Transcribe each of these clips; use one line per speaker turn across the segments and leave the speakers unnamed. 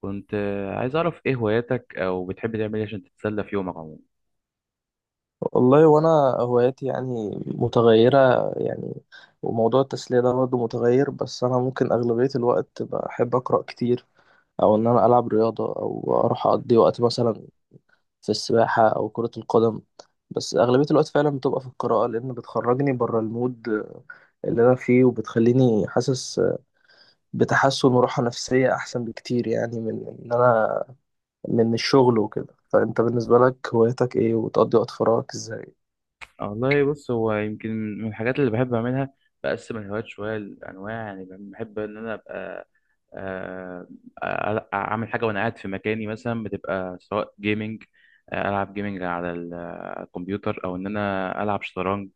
كنت عايز أعرف إيه هواياتك أو بتحب تعمل إيه عشان تتسلى في يومك عموما.
والله وانا هواياتي يعني متغيرة يعني. وموضوع التسلية ده برضه متغير، بس انا ممكن اغلبية الوقت بحب اقرأ كتير، او انا العب رياضة، او اروح اقضي وقت مثلا في السباحة او كرة القدم. بس اغلبية الوقت فعلا بتبقى في القراءة، لان بتخرجني بره المود اللي انا فيه، وبتخليني حاسس بتحسن وراحة نفسية احسن بكتير، يعني من ان انا من الشغل وكده. فانت بالنسبة لك هوايتك ايه، وتقضي وقت فراغك ازاي؟
والله بص، هو يمكن من الحاجات اللي بحب أعملها بقسم الهوايات شوية لأنواع، يعني بحب إن أنا أبقى آه، أعمل حاجة وأنا قاعد في مكاني مثلا، بتبقى سواء جيمنج ألعب جيمنج على الكمبيوتر، أو إن أنا ألعب شطرنج،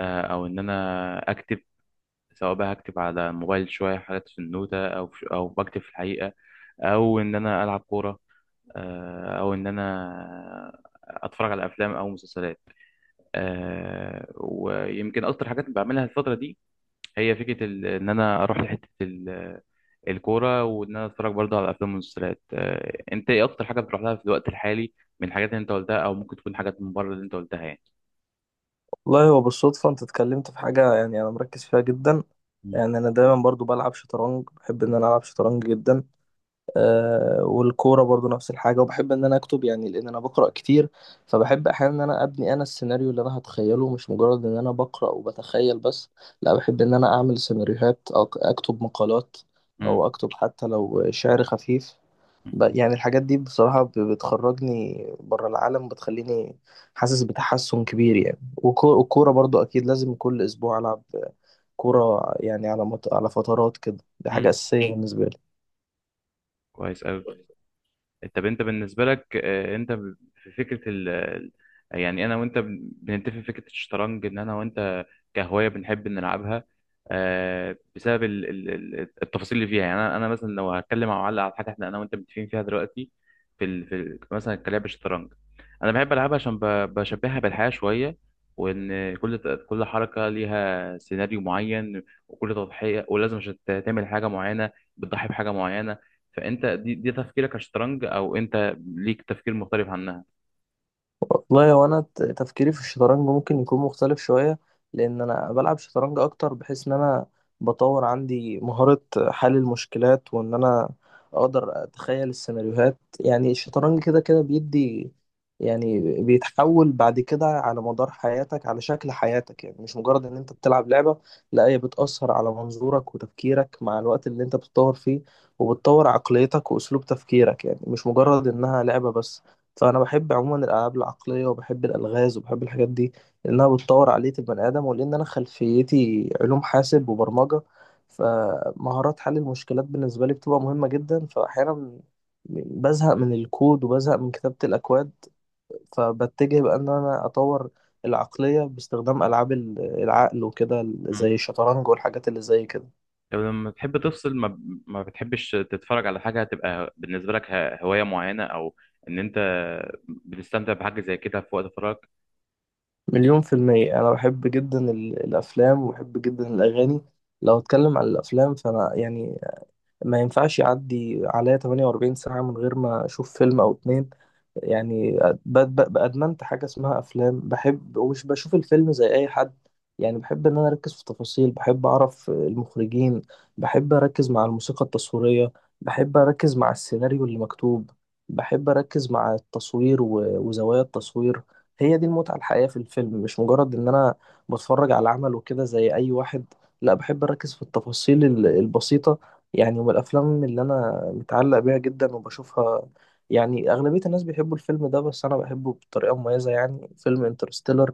أو إن أنا أكتب، سواء بقى هكتب على الموبايل شوية حاجات في النوتة أو بكتب في الحقيقة، أو إن أنا ألعب كورة، او ان انا اتفرج على افلام او مسلسلات. ويمكن اكتر حاجات بعملها الفتره دي هي فكره ان انا اروح لحته الكوره، وان انا اتفرج برضه على افلام ومسلسلات. انت ايه اكتر حاجه بتروح لها في الوقت الحالي من الحاجات اللي انت قلتها، او ممكن تكون حاجات من بره اللي انت قلتها يعني؟
والله هو بالصدفة انت اتكلمت في حاجة يعني انا مركز فيها جدا.
مم.
يعني انا دايما برضو بلعب شطرنج، بحب ان انا العب شطرنج جدا. آه، والكورة برضو نفس الحاجة، وبحب ان انا اكتب يعني، لان انا بقرأ كتير. فبحب احيانا ان انا ابني انا السيناريو اللي انا هتخيله، مش مجرد ان انا بقرأ وبتخيل بس. لا، بحب ان انا اعمل سيناريوهات او اكتب مقالات،
مم.
او اكتب حتى لو شعر خفيف. يعني الحاجات دي بصراحة بتخرجني بره العالم، بتخليني حاسس بتحسن كبير يعني. والكورة برضو أكيد لازم كل أسبوع ألعب كورة يعني، على على فترات كده. دي حاجة
مم.
أساسية بالنسبة
كويس أوي.
لي.
طب انت بالنسبه لك، انت في فكره يعني انا وانت بنتفق في فكره الشطرنج، ان انا وانت كهوايه بنحب نلعبها بسبب التفاصيل اللي فيها. يعني انا مثلا لو هتكلم مع معلق على حاجه احنا انا وانت متفقين فيها دلوقتي في ال مثلا كلعب الشطرنج، انا بحب العبها عشان بشبهها بالحياه شويه، وان كل حركه ليها سيناريو معين، وكل تضحيه، ولازم عشان تعمل حاجه معينه بتضحي بحاجه معينه. فانت دي تفكيرك كشطرنج، او انت ليك تفكير مختلف عنها؟
والله هو انا تفكيري في الشطرنج ممكن يكون مختلف شويه، لان انا بلعب شطرنج اكتر، بحيث ان انا بطور عندي مهاره حل المشكلات، وان انا اقدر اتخيل السيناريوهات. يعني الشطرنج كده كده بيدي، يعني بيتحول بعد كده على مدار حياتك على شكل حياتك، يعني مش مجرد ان انت بتلعب لعبه. لا، هي بتأثر على منظورك وتفكيرك مع الوقت اللي انت بتطور فيه، وبتطور عقليتك واسلوب تفكيرك، يعني مش مجرد انها لعبه بس. فانا بحب عموما الالعاب العقليه، وبحب الالغاز، وبحب الحاجات دي، لانها بتطور عقليه البني ادم. ولان انا خلفيتي علوم حاسب وبرمجه، فمهارات حل المشكلات بالنسبه لي بتبقى مهمه جدا. فاحيانا بزهق من الكود، وبزهق من كتابه الاكواد، فبتجه بقى ان انا اطور العقليه باستخدام العاب العقل وكده،
مم.
زي الشطرنج والحاجات اللي زي كده.
طب لما بتحب تفصل ما بتحبش تتفرج على حاجة، هتبقى بالنسبة لك هواية معينة، او ان انت بتستمتع بحاجة زي كده في وقت فراغك؟
1000000%، أنا بحب جدا الأفلام، وبحب جدا الأغاني. لو اتكلم عن الافلام، فانا يعني ما ينفعش يعدي عليا 48 ساعة من غير ما أشوف فيلم أو اتنين. يعني أدمنت حاجة اسمها أفلام بحب. ومش بشوف الفيلم زي أي حد، يعني بحب إن أنا أركز في التفاصيل. بحب أعرف المخرجين، بحب أركز مع الموسيقى التصويرية، بحب أركز مع السيناريو اللي مكتوب، بحب أركز مع التصوير وزوايا التصوير. هي دي المتعة الحقيقية في الفيلم، مش مجرد إن أنا بتفرج على عمل وكده زي أي واحد. لا، بحب أركز في التفاصيل البسيطة. يعني من الافلام اللي انا متعلق بيها جدا وبشوفها، يعني اغلبيه الناس بيحبوا الفيلم ده، بس انا بحبه بطريقه مميزه، يعني فيلم انترستيلر.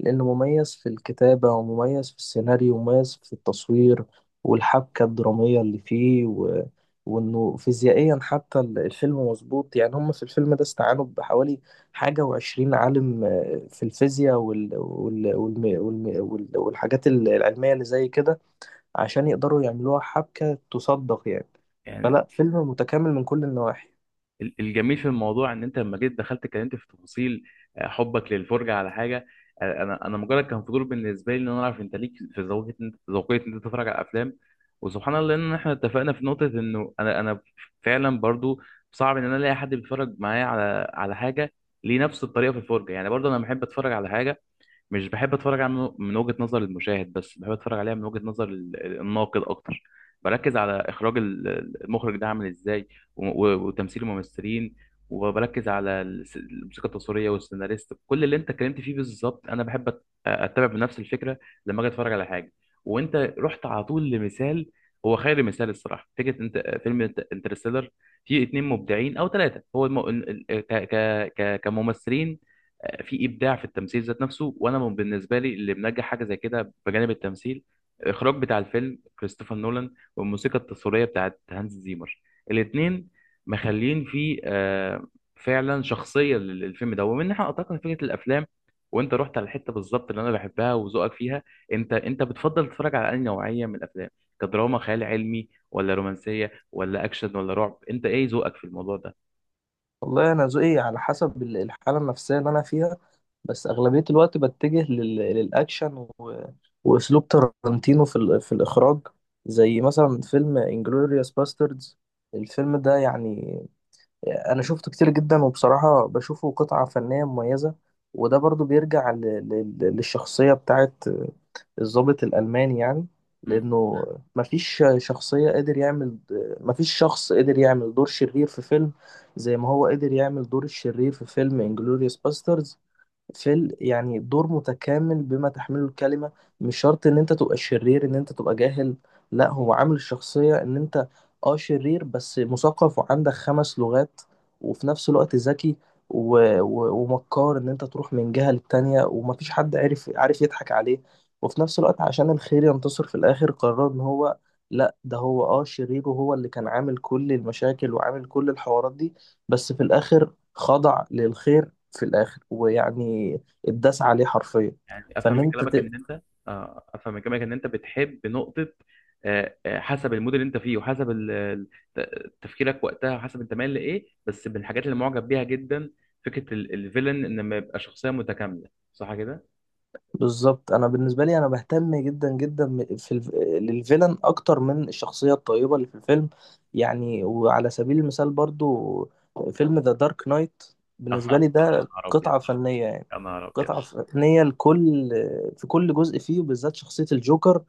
لانه مميز في الكتابه، ومميز في السيناريو، ومميز في التصوير، والحبكه الدراميه اللي فيه وانه فيزيائيا حتى الفيلم مظبوط. يعني هم في الفيلم ده استعانوا بحوالي 21 عالم في الفيزياء والحاجات العلميه اللي زي كده، عشان يقدروا يعملوها حبكة تصدق يعني.
يعني
فلا، فيلم متكامل من كل النواحي.
الجميل في الموضوع ان انت لما جيت دخلت اتكلمت في تفاصيل حبك للفرجه على حاجه. انا مجرد كان فضول بالنسبه لي ان انا اعرف انت ليك في ذوقيه ذوقيه ان انت تتفرج على افلام. وسبحان الله ان احنا اتفقنا في نقطه، انه انا فعلا برضو صعب ان انا الاقي حد بيتفرج معايا على على حاجه ليه نفس الطريقه في الفرجه. يعني برضو انا بحب اتفرج على حاجه، مش بحب اتفرج عليها من من وجهة نظر المشاهد بس، بحب اتفرج عليها من وجهة نظر الناقد اكتر. بركز على اخراج المخرج ده عامل ازاي، وتمثيل الممثلين، وبركز على الموسيقى التصويريه والسيناريست. كل اللي انت اتكلمت فيه بالظبط انا بحب اتبع بنفس الفكره لما اجي اتفرج على حاجه. وانت رحت على طول لمثال هو خير مثال الصراحه، فكره انت فيلم انترستيلر فيه اتنين مبدعين او ثلاثه هو الم... ال- ال- ك... ك... ك... كممثلين، في ابداع في التمثيل ذات نفسه. وانا بالنسبه لي اللي منجح حاجه زي كده بجانب التمثيل، الاخراج بتاع الفيلم كريستوفر نولان، والموسيقى التصويريه بتاعت هانز زيمر. الاثنين مخلين فيه فعلا شخصيه للفيلم ده. ومن ناحيه اعتقد فكره الافلام، وانت رحت على الحته بالظبط اللي انا بحبها وذوقك فيها، انت بتفضل تتفرج على انهي نوعيه من الافلام؟ كدراما خيال علمي، ولا رومانسيه، ولا اكشن، ولا رعب؟ انت ايه ذوقك في الموضوع ده؟
والله أنا ذوقي على حسب الحالة النفسية اللي أنا فيها. بس أغلبية الوقت بتجه للأكشن وأسلوب تارانتينو في, في الإخراج، زي مثلا فيلم انجلوريوس باستردز. الفيلم ده يعني أنا شفته كتير جدا، وبصراحة بشوفه قطعة فنية مميزة. وده برضو بيرجع للشخصية بتاعت الضابط الألماني يعني. لأنه مفيش شخصية قادر يعمل مفيش شخص قدر يعمل دور شرير في فيلم زي ما هو قدر يعمل دور الشرير في فيلم انجلوريوس باسترز. في يعني دور متكامل بما تحمله الكلمة. مش شرط ان انت تبقى شرير ان انت تبقى جاهل. لا، هو عامل الشخصية ان انت اه شرير، بس مثقف وعندك 5 لغات، وفي نفس الوقت ذكي و... ومكار ان انت تروح من جهة للتانية، ومفيش حد عارف يضحك عليه. وفي نفس الوقت عشان الخير ينتصر في الاخر، قرر ان هو لا، ده هو اه شرير، وهو اللي كان عامل كل المشاكل وعامل كل الحوارات دي. بس في الاخر خضع للخير في الاخر ويعني اتداس عليه حرفيا.
يعني افهم
فان
من
انت
كلامك
ت...
ان انت افهم من كلامك ان انت بتحب نقطه حسب المود اللي انت فيه، وحسب تفكيرك وقتها، وحسب انت مايل لايه. بس من الحاجات اللي معجب بيها جدا فكره الفيلن ان ما يبقى شخصيه متكامله، صح كده؟
بالظبط. انا بالنسبه لي انا بهتم جدا جدا للفيلن اكتر من الشخصيه الطيبه اللي في الفيلم. يعني وعلى سبيل المثال برضو فيلم ذا دارك نايت، بالنسبه
يا
لي ده
نهار ابيض،
قطعه فنيه يعني.
يا نهار ابيض.
قطعه فنيه لكل في كل جزء فيه، وبالذات شخصيه الجوكر.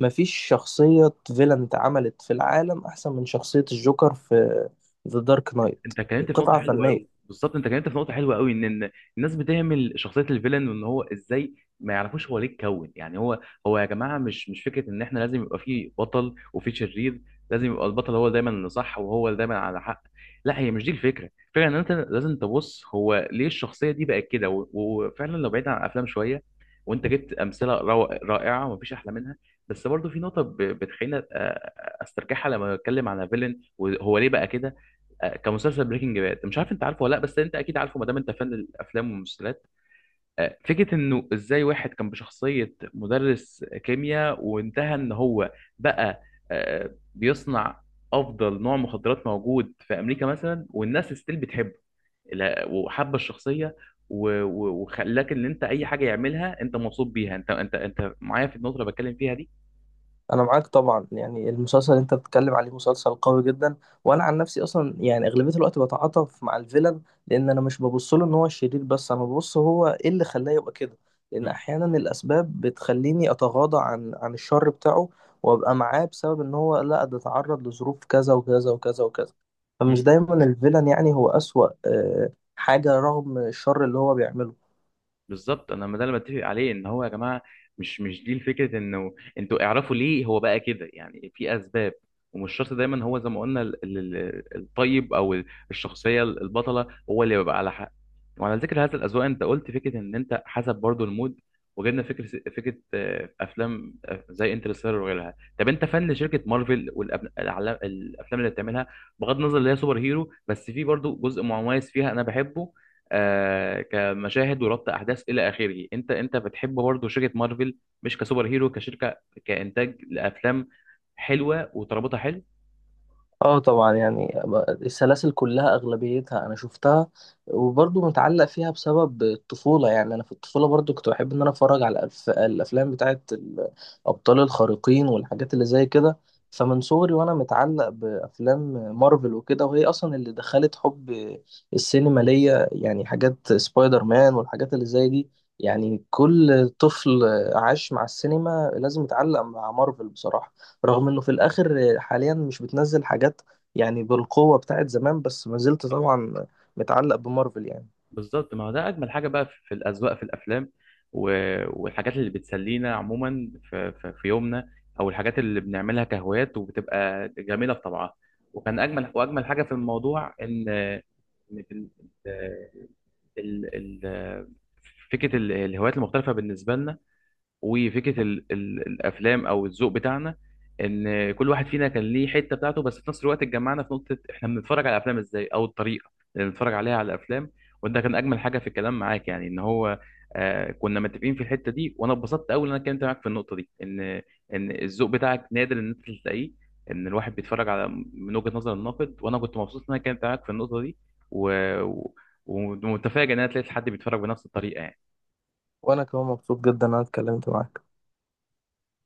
مفيش شخصيه فيلن اتعملت في العالم احسن من شخصيه الجوكر في ذا دارك نايت.
انت اتكلمت في نقطه
قطعه
حلوه قوي،
فنيه.
بالظبط انت اتكلمت في نقطه حلوه قوي، ان الناس بتهمل شخصيه الفيلن، وان هو ازاي ما يعرفوش هو ليه اتكون. يعني هو، هو يا جماعه، مش فكره ان احنا لازم يبقى فيه بطل وفيه شرير، لازم يبقى البطل هو دايما اللي صح وهو اللي دايما على حق. لا، هي مش دي الفكره. الفكره ان انت لازم تبص هو ليه الشخصيه دي بقت كده. وفعلا لو بعيد عن الافلام شويه، وانت جبت امثله رائعه ومفيش احلى منها، بس برضو في نقطه بتخليني استرجعها لما اتكلم على فيلن وهو ليه بقى كده. كمسلسل بريكنج باد، مش عارف انت عارفه ولا لا، بس انت اكيد عارفه ما دام انت فان الافلام والمسلسلات. فكره انه ازاي واحد كان بشخصيه مدرس كيمياء، وانتهى ان هو بقى بيصنع افضل نوع مخدرات موجود في امريكا مثلا، والناس ستيل بتحبه وحابه الشخصيه، وخلاك ان انت اي حاجه يعملها انت مبسوط بيها. انت انت معايا في النقطه اللي بتكلم فيها دي؟
انا معاك طبعا، يعني المسلسل اللي انت بتتكلم عليه مسلسل قوي جدا. وانا عن نفسي اصلا يعني اغلبيه الوقت بتعاطف مع الفيلن، لان انا مش ببص له ان هو شرير، بس انا ببص هو ايه اللي خلاه يبقى كده. لان احيانا الاسباب بتخليني اتغاضى عن الشر بتاعه، وابقى معاه، بسبب ان هو لا، ده اتعرض لظروف كذا وكذا وكذا وكذا. فمش
مم.
دايما الفيلن يعني هو اسوأ حاجه، رغم الشر اللي هو بيعمله.
بالظبط، انا ما ده اللي بتفق عليه، ان هو يا جماعه، مش دي الفكره. انه انتوا اعرفوا ليه هو بقى كده، يعني في اسباب، ومش شرط دايما هو زي ما قلنا الطيب او الشخصيه البطله هو اللي بيبقى على حق. وعلى ذكر هذا الاذواق، انت قلت فكره ان انت حسب برضو المود، وجدنا فكره افلام زي انترستيلر وغيرها. طب انت فن شركه مارفل والافلام اللي بتعملها، بغض النظر اللي هي سوبر هيرو، بس في برضو جزء مميز فيها انا بحبه، آه كمشاهد وربط احداث الى اخره. انت بتحب برضه شركه مارفل، مش كسوبر هيرو، كشركه، كانتاج لافلام حلوه وترابطها حلو؟
اه طبعا يعني السلاسل كلها اغلبيتها انا شفتها، وبرضه متعلق فيها بسبب الطفوله. يعني انا في الطفوله برضه كنت بحب ان انا اتفرج على الافلام بتاعه الابطال الخارقين والحاجات اللي زي كده. فمن صغري وانا متعلق بافلام مارفل وكده، وهي اصلا اللي دخلت حب السينما ليا، يعني حاجات سبايدر مان والحاجات اللي زي دي. يعني كل طفل عاش مع السينما لازم يتعلق مع مارفل بصراحه. رغم انه في الاخر حاليا مش بتنزل حاجات يعني بالقوة بتاعت زمان، بس ما زلت طبعا متعلق بمارفل يعني.
بالظبط، ما هو ده اجمل حاجه بقى في الاذواق في الافلام، و... والحاجات اللي بتسلينا عموما في يومنا، او الحاجات اللي بنعملها كهوايات وبتبقى جميله في طبعها. وكان اجمل واجمل حاجه في الموضوع ان، إن في ال... ال... فكره الهوايات المختلفه بالنسبه لنا، وفكره ال الافلام او الذوق بتاعنا، ان كل واحد فينا كان ليه حته بتاعته، بس في نفس الوقت اتجمعنا في نقطه احنا بنتفرج على الافلام ازاي او الطريقه اللي بنتفرج عليها على الافلام. وده كان اجمل حاجه في الكلام معاك، يعني ان هو آه كنا متفقين في الحته دي. وانا اتبسطت قوي ان انا اتكلمت معاك في النقطه دي، ان ان الذوق بتاعك نادر ان انت تلاقيه، ان الواحد بيتفرج على من وجهه نظر الناقد. وانا كنت مبسوط ان انا اتكلمت معاك في النقطه دي، و... و- ومتفاجئ ان انا لقيت حد بيتفرج بنفس الطريقه يعني.
وانا كمان مبسوط جدا إن انا اتكلمت معاك